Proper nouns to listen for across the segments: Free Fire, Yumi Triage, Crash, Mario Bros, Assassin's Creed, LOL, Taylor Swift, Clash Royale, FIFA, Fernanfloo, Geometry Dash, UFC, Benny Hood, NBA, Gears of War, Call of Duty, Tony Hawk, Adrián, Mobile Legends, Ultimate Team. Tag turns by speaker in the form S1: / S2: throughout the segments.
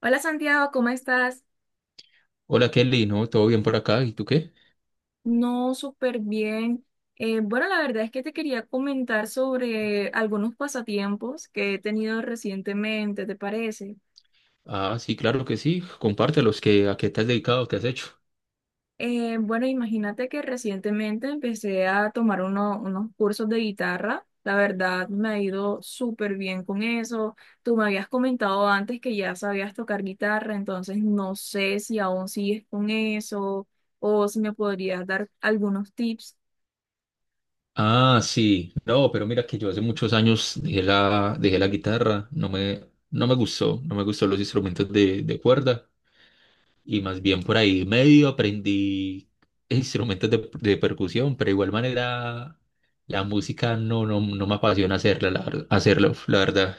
S1: Hola Santiago, ¿cómo estás?
S2: Hola Kelly, ¿no? ¿Todo bien por acá? ¿Y tú qué?
S1: No, súper bien. Bueno, la verdad es que te quería comentar sobre algunos pasatiempos que he tenido recientemente, ¿te parece?
S2: Ah, sí, claro que sí. Compártelos, que, ¿a qué te has dedicado? ¿Qué has hecho?
S1: Bueno, imagínate que recientemente empecé a tomar unos cursos de guitarra. La verdad, me ha ido súper bien con eso. Tú me habías comentado antes que ya sabías tocar guitarra, entonces no sé si aún sigues con eso o si me podrías dar algunos tips.
S2: Ah, sí. No, pero mira que yo hace muchos años dejé la guitarra. No me gustó, no me gustó los instrumentos de cuerda. Y más bien por ahí medio aprendí instrumentos de percusión, pero de igual manera la música no me apasiona hacerla, hacerlo, la verdad.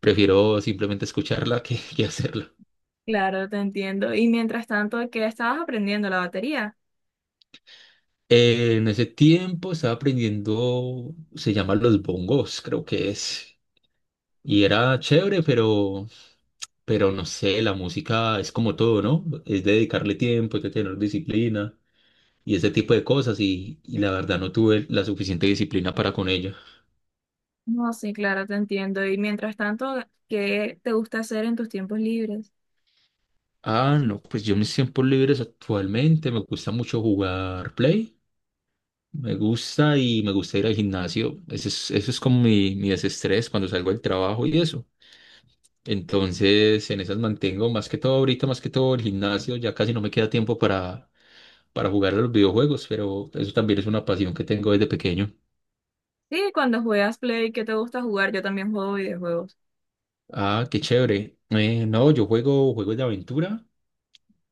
S2: Prefiero simplemente escucharla que hacerla.
S1: Claro, te entiendo. Y mientras tanto, ¿qué estabas aprendiendo? ¿La batería?
S2: En ese tiempo estaba aprendiendo, se llaman los bongos, creo que es. Y era chévere, pero no sé, la música es como todo, ¿no? Es dedicarle tiempo, es de tener disciplina y ese tipo de cosas. Y la verdad no tuve la suficiente disciplina para con ella.
S1: No, sí, claro, te entiendo. Y mientras tanto, ¿qué te gusta hacer en tus tiempos libres?
S2: Ah, no, pues yo en mis tiempos libres actualmente me gusta mucho jugar Play. Me gusta y me gusta ir al gimnasio. Eso es como mi desestrés cuando salgo del trabajo y eso. Entonces, en esas mantengo más que todo ahorita, más que todo el gimnasio, ya casi no me queda tiempo para jugar a los videojuegos, pero eso también es una pasión que tengo desde pequeño.
S1: Sí, cuando juegas Play, ¿qué te gusta jugar? Yo también juego videojuegos.
S2: Ah, qué chévere. No, yo juego juegos de aventura,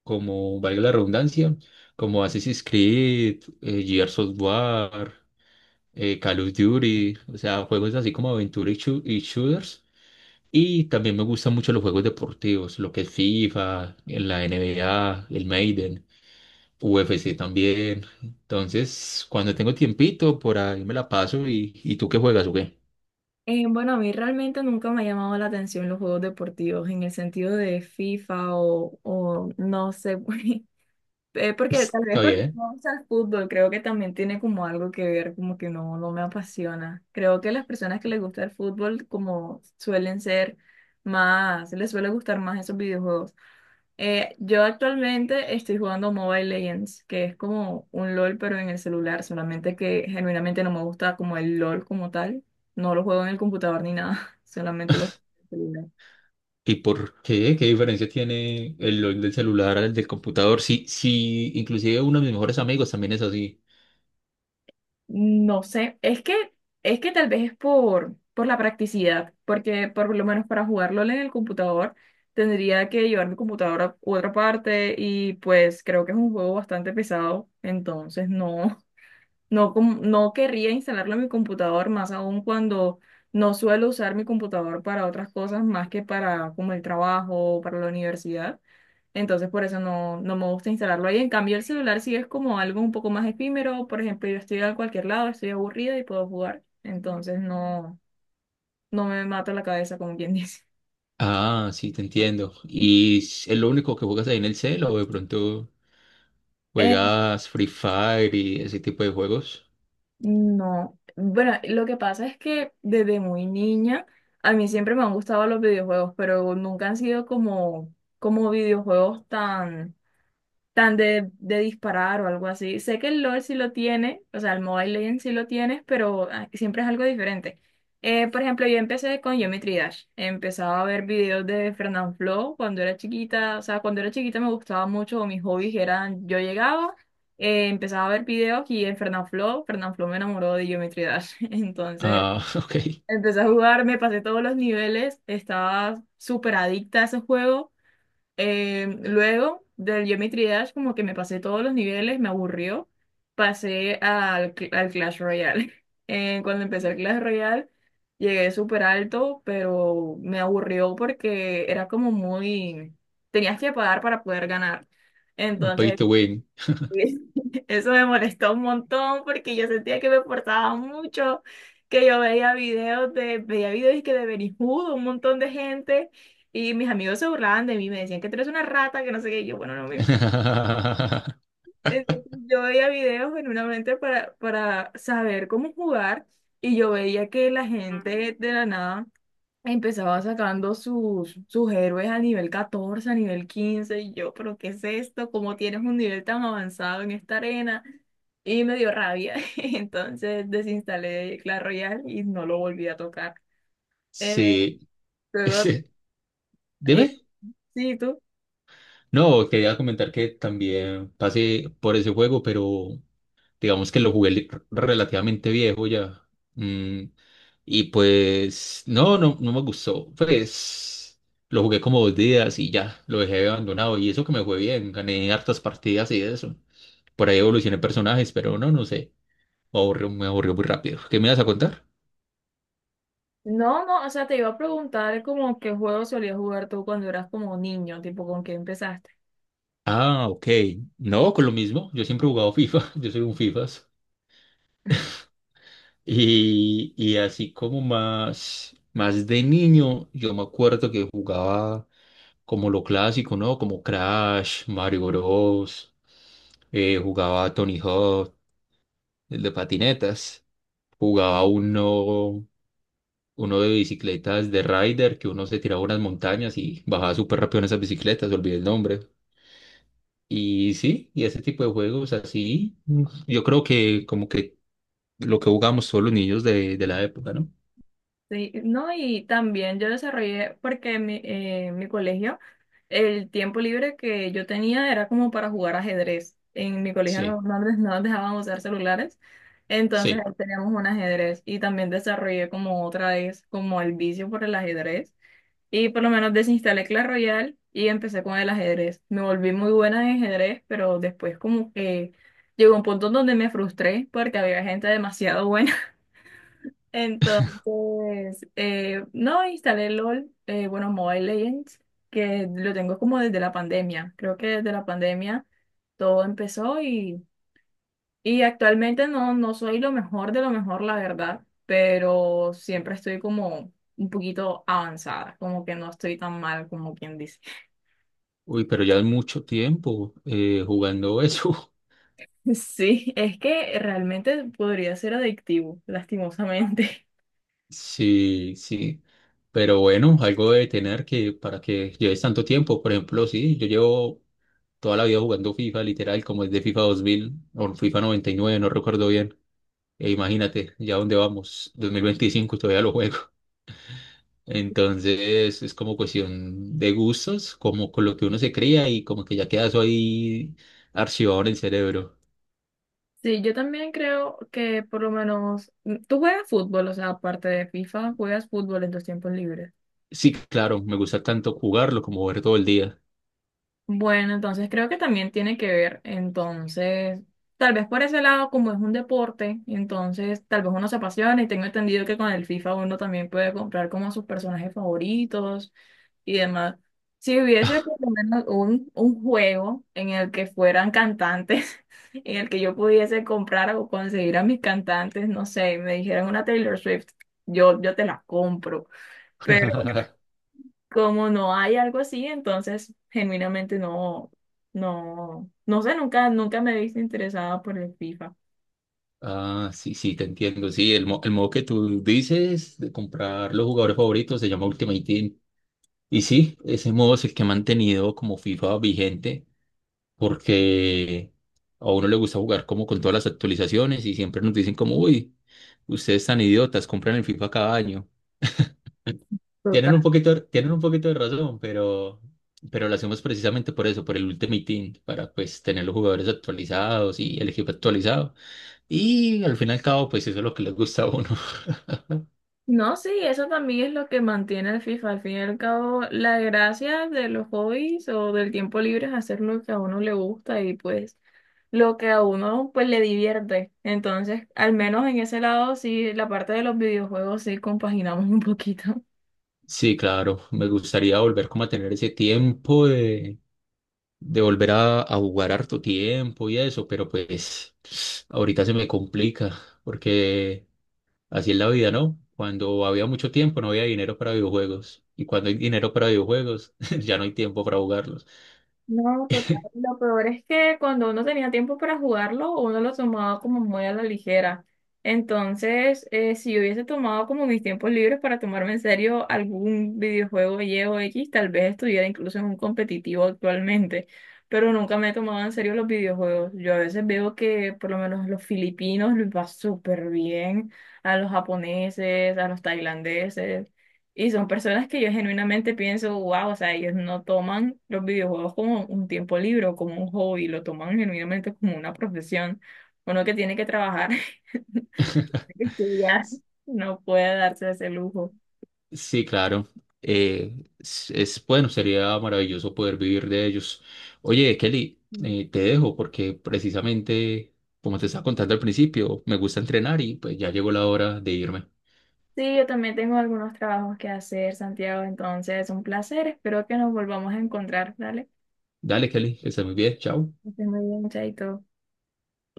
S2: como valga la redundancia, como Assassin's Creed, Gears of War, Call of Duty, o sea, juegos así como aventura y shooters. Y también me gustan mucho los juegos deportivos, lo que es FIFA, en la NBA, el Maiden. UFC también. Entonces, cuando tengo tiempito, por ahí me la paso ¿y tú qué juegas o qué?
S1: Bueno, a mí realmente nunca me ha llamado la atención los juegos deportivos en el sentido de FIFA o no sé, pues, porque tal vez
S2: Está
S1: porque
S2: bien.
S1: no gusta el fútbol, creo que también tiene como algo que ver, como que no, no me apasiona. Creo que las personas que les gusta el fútbol como suelen ser más, les suele gustar más esos videojuegos. Yo actualmente estoy jugando Mobile Legends, que es como un LOL pero en el celular, solamente que genuinamente no me gusta como el LOL como tal. No lo juego en el computador ni nada, solamente lo juego en el celular.
S2: ¿Y por qué? ¿Qué diferencia tiene el LOL del celular al del computador? Sí, sí, inclusive uno de mis mejores amigos también es así.
S1: No sé, es que tal vez es por la practicidad, porque por lo menos para jugarlo en el computador tendría que llevar mi computadora a otra parte y pues creo que es un juego bastante pesado, entonces no, no querría instalarlo en mi computador, más aún cuando no suelo usar mi computador para otras cosas más que para como el trabajo o para la universidad. Entonces, por eso no, no me gusta instalarlo ahí. En cambio, el celular sí es como algo un poco más efímero. Por ejemplo, yo estoy a cualquier lado, estoy aburrida y puedo jugar. Entonces, no, no me mato la cabeza, como quien dice.
S2: Ah, sí, te entiendo. ¿Y es lo único que juegas ahí en el cel o de pronto
S1: Eh,
S2: juegas Free Fire y ese tipo de juegos?
S1: No, bueno, lo que pasa es que desde muy niña a mí siempre me han gustado los videojuegos, pero nunca han sido como, como videojuegos tan de disparar o algo así. Sé que el LOL sí lo tiene, o sea, el Mobile Legends sí lo tienes, pero ah, siempre es algo diferente. Por ejemplo, yo empecé con Geometry Dash. Empezaba a ver videos de Fernanfloo cuando era chiquita. O sea, cuando era chiquita me gustaba mucho, mis hobbies eran, yo llegaba, empezaba a ver videos y en Fernanfloo me enamoró de Geometry Dash. Entonces,
S2: Ah, ok.
S1: empecé a jugar, me pasé todos los niveles, estaba súper adicta a ese juego. Luego del Yumi Triage, como que me pasé todos los niveles, me aburrió. Pasé al Clash Royale. Cuando empecé el Clash Royale, llegué súper alto, pero me aburrió porque era como muy. Tenías que pagar para poder ganar.
S2: Un pay
S1: Entonces
S2: to win.
S1: sí. Eso me molestó un montón porque yo sentía que me forzaba mucho, que yo veía videos y que de Benny Hood, un montón de gente, y mis amigos se burlaban de mí, me decían que tú eres una rata, que no sé qué, y yo, bueno, no me. Entonces yo veía videos genuinamente para saber cómo jugar, y yo veía que la gente de la nada empezaba sacando sus héroes a nivel 14 a nivel 15 y yo, pero ¿qué es esto? ¿Cómo tienes un nivel tan avanzado en esta arena? Y me dio rabia, entonces desinstalé Clash Royale y no lo volví a tocar. Eh,
S2: Sí.
S1: luego,
S2: Dime.
S1: eh, sí, tú.
S2: No, quería comentar que también pasé por ese juego, pero digamos que relativamente viejo ya. Mm, y pues, no me gustó. Pues lo jugué como dos días y ya, lo dejé abandonado. Y eso que me fue bien, gané hartas partidas y eso. Por ahí evolucioné personajes, pero no, no sé. Me aburrió muy rápido. ¿Qué me vas a contar?
S1: No, no, o sea, te iba a preguntar como qué juego solías jugar tú cuando eras como niño, tipo con qué empezaste.
S2: Ah, ok. No, con lo mismo. Yo siempre he jugado FIFA. Yo soy un FIFA. Y así como más de niño, yo me acuerdo que jugaba como lo clásico, ¿no? Como Crash, Mario Bros., jugaba Tony Hawk, el de patinetas. Jugaba uno, uno de bicicletas de rider, que uno se tiraba unas montañas y bajaba súper rápido en esas bicicletas, olvidé el nombre. Y sí, y ese tipo de juegos así, yo creo que como que lo que jugamos todos los niños de la época, ¿no?
S1: Sí, no, y también yo desarrollé, porque en mi colegio el tiempo libre que yo tenía era como para jugar ajedrez. En mi colegio no,
S2: Sí,
S1: no nos dejaban usar celulares, entonces
S2: sí.
S1: ahí teníamos un ajedrez y también desarrollé como otra vez como el vicio por el ajedrez y por lo menos desinstalé Clash Royale y empecé con el ajedrez. Me volví muy buena en ajedrez, pero después como que llegó un punto donde me frustré porque había gente demasiado buena entonces, no, instalé LOL, bueno, Mobile Legends, que lo tengo como desde la pandemia. Creo que desde la pandemia todo empezó y actualmente no, no soy lo mejor de lo mejor, la verdad, pero siempre estoy como un poquito avanzada, como que no estoy tan mal como quien dice.
S2: Uy, pero ya es mucho tiempo jugando eso.
S1: Sí, es que realmente podría ser adictivo, lastimosamente.
S2: Sí, sí. Pero bueno, algo de tener que para que lleves tanto tiempo. Por ejemplo, sí, yo llevo toda la vida jugando FIFA, literal, como es de FIFA 2000 o FIFA 99 no recuerdo bien. E imagínate, ya dónde vamos, 2025 todavía lo juego. Entonces es como cuestión de gustos, como con lo que uno se cría y como que ya queda eso ahí archivado en el cerebro.
S1: Sí, yo también creo que por lo menos mm, tú juegas fútbol, o sea, aparte de FIFA, juegas fútbol en tus tiempos libres.
S2: Sí, claro, me gusta tanto jugarlo como ver todo el día.
S1: Bueno, entonces creo que también tiene que ver, entonces, tal vez por ese lado, como es un deporte, entonces tal vez uno se apasiona y tengo entendido que con el FIFA uno también puede comprar como a sus personajes favoritos y demás. Si hubiese por lo menos un juego en el que fueran cantantes, en el que yo pudiese comprar o conseguir a mis cantantes, no sé, me dijeran una Taylor Swift, yo te la compro como no hay algo así, entonces genuinamente no, no sé, nunca me he visto interesada por el FIFA.
S2: Ah, sí, sí, te entiendo. Sí, el modo que tú dices de comprar los jugadores favoritos se llama Ultimate Team. Y sí, ese modo es el que ha mantenido como FIFA vigente porque a uno le gusta jugar como con todas las actualizaciones y siempre nos dicen como, uy, ustedes tan idiotas, compran el FIFA cada año.
S1: Total.
S2: Tienen un poquito de razón, pero lo hacemos precisamente por eso, por el Ultimate Team, para pues tener los jugadores actualizados y el equipo actualizado. Y al fin y al cabo, pues eso es lo que les gusta a uno.
S1: No, sí, eso también es lo que mantiene el FIFA. Al fin y al cabo, la gracia de los hobbies o del tiempo libre es hacer lo que a uno le gusta y pues lo que a uno pues le divierte. Entonces, al menos en ese lado, sí, la parte de los videojuegos sí compaginamos un poquito.
S2: Sí, claro, me gustaría volver como a tener ese tiempo de volver a jugar harto tiempo y eso, pero pues ahorita se me complica, porque así es la vida, ¿no? Cuando había mucho tiempo no había dinero para videojuegos, y cuando hay dinero para videojuegos ya no hay tiempo para jugarlos.
S1: No, total. Lo peor es que cuando uno tenía tiempo para jugarlo, uno lo tomaba como muy a la ligera. Entonces, si yo hubiese tomado como mis tiempos libres para tomarme en serio algún videojuego Y o X, tal vez estuviera incluso en un competitivo actualmente. Pero nunca me he tomado en serio los videojuegos. Yo a veces veo que por lo menos los filipinos les va súper bien, a los japoneses, a los tailandeses. Y son personas que yo genuinamente pienso, wow, o sea, ellos no toman los videojuegos como un tiempo libre o como un hobby, lo toman genuinamente como una profesión. Uno que tiene que trabajar, tiene que estudiar, no puede darse ese lujo.
S2: Sí, claro. Bueno, sería maravilloso poder vivir de ellos. Oye, Kelly,
S1: Mm.
S2: te dejo porque precisamente, como te estaba contando al principio, me gusta entrenar y pues ya llegó la hora de irme.
S1: Sí, yo también tengo algunos trabajos que hacer, Santiago, entonces un placer. Espero que nos volvamos a encontrar, ¿dale?
S2: Dale, Kelly, que estés muy bien. Chao.
S1: Que estés muy bien, chaito.